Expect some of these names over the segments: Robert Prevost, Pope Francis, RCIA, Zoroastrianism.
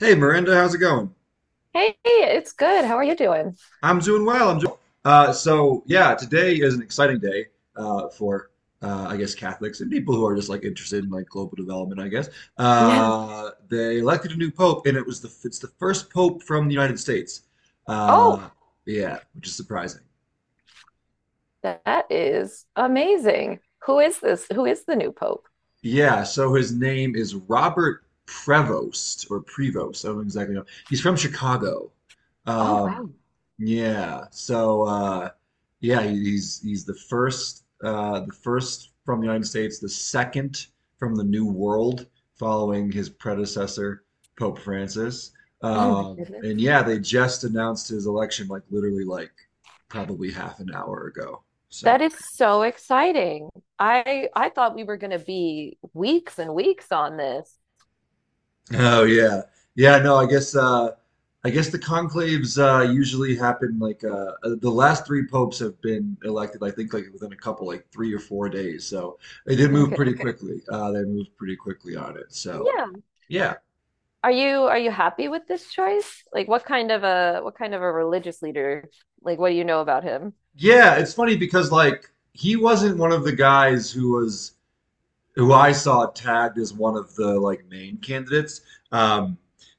Hey, Miranda, how's it going? Hey, it's good. How are you doing? I'm doing well. I'm doing well. So yeah. Today is an exciting day for I guess Catholics and people who are just like interested in like global development. I guess Yeah. They elected a new pope, and it was the first pope from the United States. Oh, Uh, yeah, which is surprising. that is amazing. Who is this? Who is the new pope? Yeah, so his name is Robert Prevost or Prevost. I don't exactly know. He's from Chicago. Oh, Um, wow. yeah, so yeah, he's the first from the United States, the second from the New World, following his predecessor Pope Francis. Oh, my goodness. And yeah, they just announced his election like literally like probably half an hour ago. So. That is so exciting. I thought we were going to be weeks and weeks on this. Oh yeah, yeah. No, I guess the conclaves usually happen like the last three popes have been elected. I think like within a couple, like 3 or 4 days. So they did move Okay. pretty. Okay. Quickly. They moved pretty quickly on it. So Yeah. yeah, Are you happy with this choice? Like what kind of a religious leader? Like what do you know about him? yeah. It's funny because like he wasn't one of the guys who was, who I saw tagged as one of the like main candidates. Um,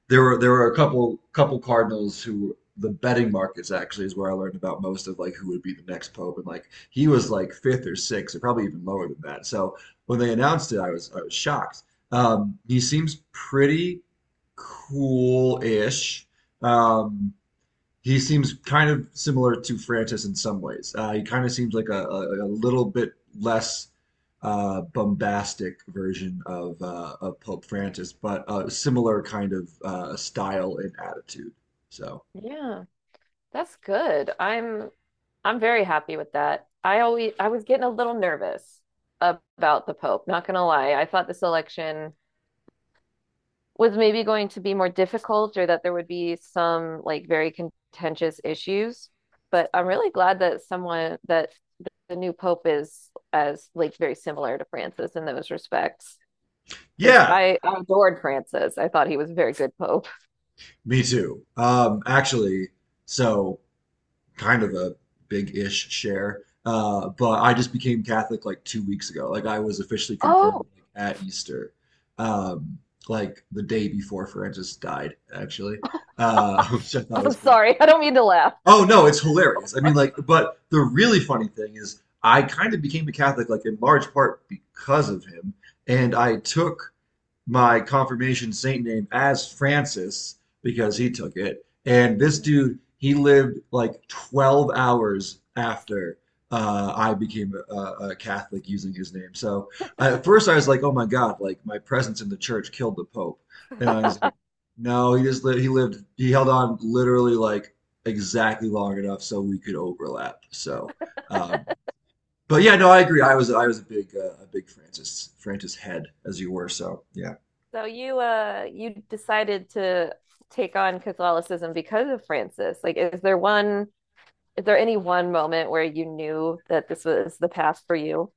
there were a couple Cardinals who the betting markets actually is where I learned about most of like who would be the next pope, and like he was like fifth or sixth, or probably even lower than that. So when they announced it, I was shocked. He seems pretty cool-ish. Um, he seems kind of similar to Francis in some ways. He kind of seems like a little bit less bombastic version of Pope Mm. Francis, but a similar kind of style and attitude. So, Yeah, that's good. I'm very happy with that. I was getting a little nervous about the Pope, not gonna lie. I thought this election was maybe going to be more difficult or that there would be some like very contentious issues, but I'm really glad that someone that the new pope is as like very similar to Francis in those respects. Because yeah, I adored Francis. I thought he was a very good pope. me too. Actually, so kind of a big-ish share. But I just became Catholic like 2 weeks ago. Like I was officially confirmed Oh, like, at Easter, um, like the day before Francis died, actually, which I thought I'm was pretty sorry. I funny. don't mean to laugh. Oh no, it's hilarious. I mean, like, but the really funny thing is, I kind of became a Catholic like in large part because of him, and I took my confirmation saint name as Francis because he took it. And this dude, he lived like 12 hours after I became a Catholic using his name. So I, at first I was like, oh my God, like my presence in the church killed the Pope. And I was like, no, he just lived, he held on literally like exactly long enough so we could overlap. So, um, but yeah, no, I agree. I was a big Francis head as you were. So yeah. So you decided to take on Catholicism because of Francis. Like, Is there any one moment where you knew that this was the path for you?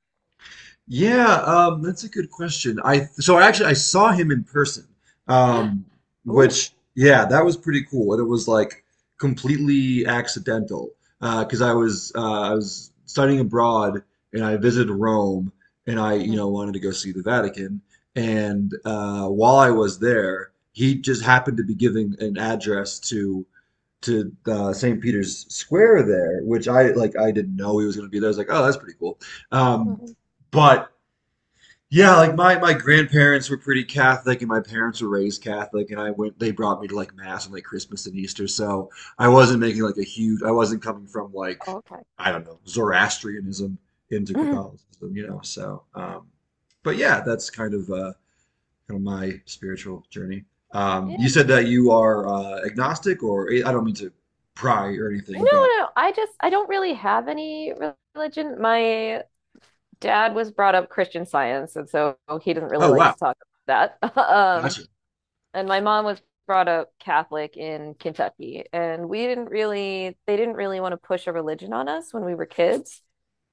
Yeah, that's a good question. I so I actually I saw him in person, um, Ooh. which yeah, that was pretty cool, and it was like completely accidental. Because I was studying abroad and I visited Rome and I you know Mhm. wanted to go see the Vatican and while I was there, he just happened to be giving an address to St. Peter's Square there, which I like I didn't know he was going to be there. I was like, oh, that's pretty cool. Um, Mhm. but yeah, like my grandparents were pretty Catholic, and my parents were raised Catholic, and I went. They brought me to like mass and like Christmas and Easter, so I wasn't making like a huge. I wasn't coming from like Oh, okay. I don't know Zoroastrianism into Mm-hmm. Catholicism, you know. So, but yeah, that's kind of my spiritual journey. You Yeah. said that you are agnostic, or I don't mean to pry or No, anything, but no. I just I don't really have any religion. My dad was brought up Christian science, and so he doesn't really oh like wow, to talk about that. Gotcha. And my mom was brought up Catholic in Kentucky, and we didn't really, they didn't really want to push a religion on us when we were kids.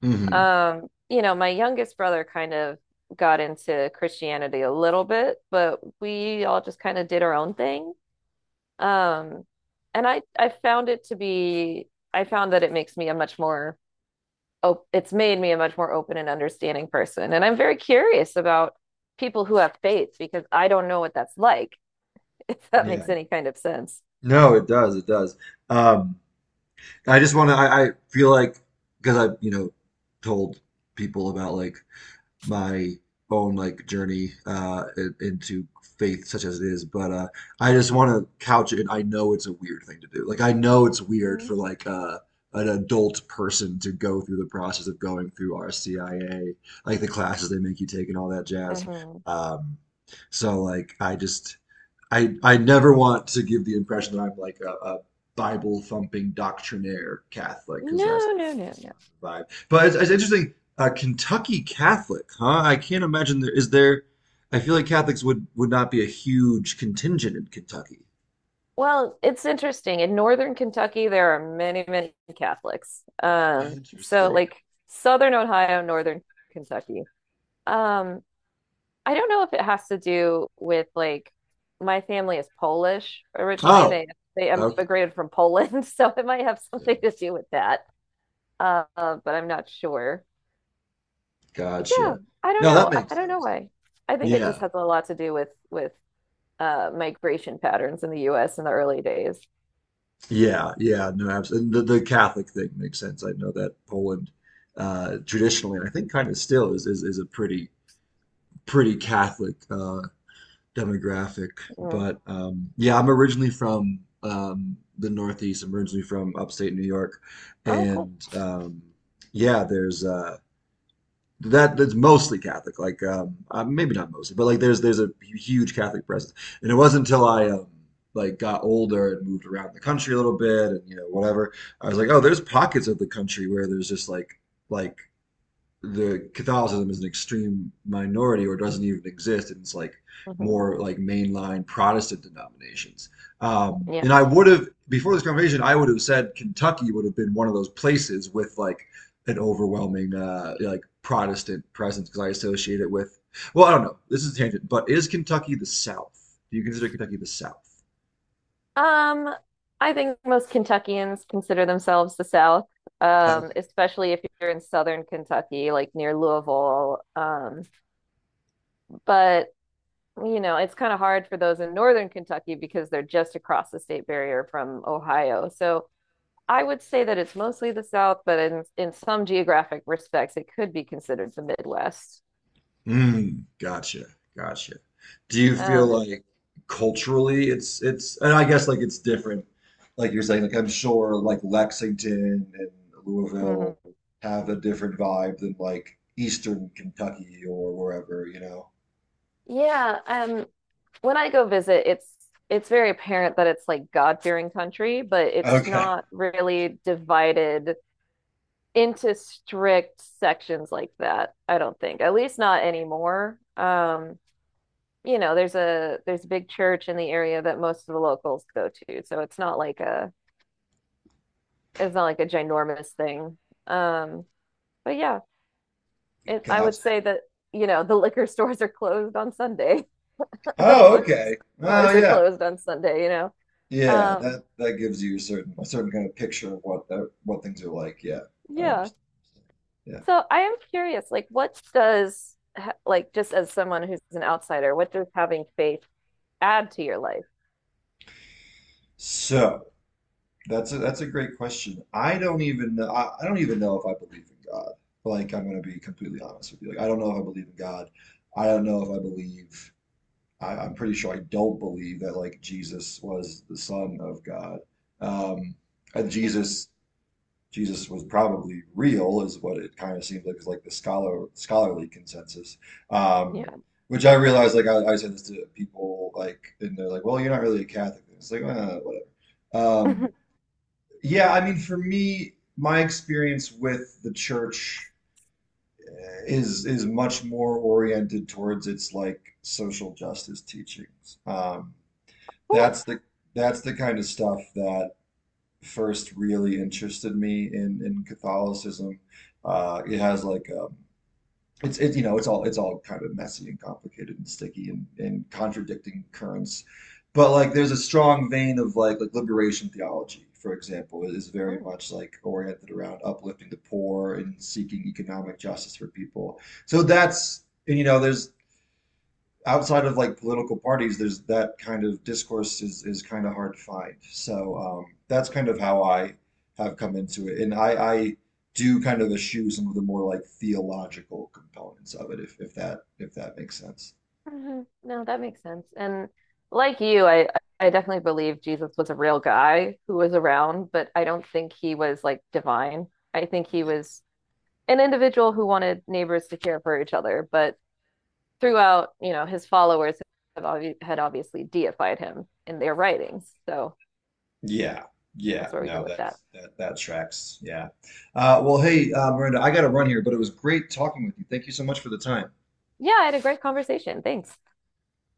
Hmm. You know, my youngest brother kind of got into Christianity a little bit, but we all just kind of did our own thing. Um, I found I found that it makes me a much more op- it's made me a much more open and understanding person. And I'm very curious about people who have faith because I don't know what that's like, if that Yeah, makes any kind of sense. no, it does, it does. Um, I just want to. I feel like because I've you know told people about like my own like journey into faith such as it is, but I just want to couch it in, I know it's a weird thing to do. Like I know it's weird Mhm. for like an adult person to go through the process of going through RCIA, like the classes they make you take and all that jazz. No, Um, so like I just. I never want to give the impression that I'm like a Bible thumping doctrinaire Catholic because no. that's not the vibe. But it's interesting. A Kentucky Catholic, huh? I can't imagine there is there. I feel like Catholics would not be a huge contingent in Kentucky. Well, it's interesting. In northern Kentucky, there are many, many Catholics. So Interesting. like southern Ohio, northern Kentucky. Um, I don't know if it has to do with like my family is Polish originally. Oh, They okay. immigrated from Poland, so it might have something to do with that. But I'm not sure. Yeah, Gotcha. I don't No, that know. I makes don't know sense. why. I think it just Yeah. has a lot to do with migration patterns in the U.S. in the early days. Yeah. Yeah. No, absolutely. The Catholic thing makes sense. I know that Poland, traditionally, and I think kind of still is, is a pretty pretty Catholic demographic. Mm. But yeah, I'm originally from the Northeast. I'm originally from upstate New York, Oh, cool. and yeah, there's that's mostly Catholic. Like maybe not mostly, but like there's a huge Catholic presence. And it wasn't until I like got older and moved around the country a little bit, and you know whatever, I was like, oh, there's pockets of the country where there's just like the Catholicism is an extreme minority or doesn't even exist, and it's like hmm more like mainline Protestant denominations. And Yeah. I would have before this conversation, I would have said Kentucky would have been one of those places with like an overwhelming like Protestant presence because I associate it with. Well, I don't know. This is a tangent, but is Kentucky the South? Do you consider Kentucky the South? Um, I think most Kentuckians consider themselves the South, That was. Especially if you're in Southern Kentucky, like near Louisville. But you know, it's kind of hard for those in northern Kentucky because they're just across the state barrier from Ohio. So I would say that it's mostly the South, but in some geographic respects, it could be considered the Midwest. Mm, gotcha, gotcha. Do you feel Um, like culturally it's and I guess like it's different. Like you're saying, like I'm sure like Lexington and Louisville mhm. have a different vibe than like Eastern Kentucky or wherever, you know. Yeah, when I go visit, it's very apparent that it's like God-fearing country, but it's Okay, not really divided into strict sections like that, I don't think. At least not anymore. You know, there's a big church in the area that most of the locals go to, so it's not like a ginormous thing. Um, but yeah, I would gotcha. say that you know the liquor stores are closed on Sunday. A Oh, bunch of okay. Oh, stores are yeah. closed on Sunday. You know, Yeah, um, that that gives you a certain kind of picture of what that what things are like. Yeah, I yeah. understand. Yeah. So I am curious, like, what does like just as someone who's an outsider, what does having faith add to your life? So that's a that's a great question. I don't even know. I don't even know if I believe in God. Like I'm gonna be completely honest with you. Like I don't know if I believe in God. I don't know if I believe. I'm pretty sure I don't believe that like Jesus was the Son of God. Um and Mhm. Jesus was probably real is what it kind of seems like is like the scholarly consensus. Um Yeah. which I realize like I say this to people like and they're like, well you're not really a Catholic. It's like whatever. Um yeah, I mean, for me, my experience with the church is much more oriented towards its like social justice teachings. Cool. that's the that's the kind of stuff that first really interested me in Catholicism. It has like it's it you know it's all kind of messy and complicated and sticky, and contradicting currents but like there's a strong vein of like liberation theology for example is very much like oriented around uplifting the poor and seeking economic justice for people so that's and you know there's outside of like political parties, there's that kind of discourse is kind of hard to find. So that's kind of how I have come into it, and I do kind of eschew some of the more like theological components of it, if if that makes sense. hmm No, that makes sense. And like you, I definitely believe Jesus was a real guy who was around, but I don't think he was like divine. I think he Yeah. was an individual who wanted neighbors to care for each other, but throughout, you know, his followers have obvi had obviously deified him in their writings. So Yeah, that's yeah, where we go no, with that. that's that tracks. Yeah. Well, hey, Miranda, I got to run here, but it was great talking with you. Thank you so much for the time. Yeah, I had a great conversation. Thanks.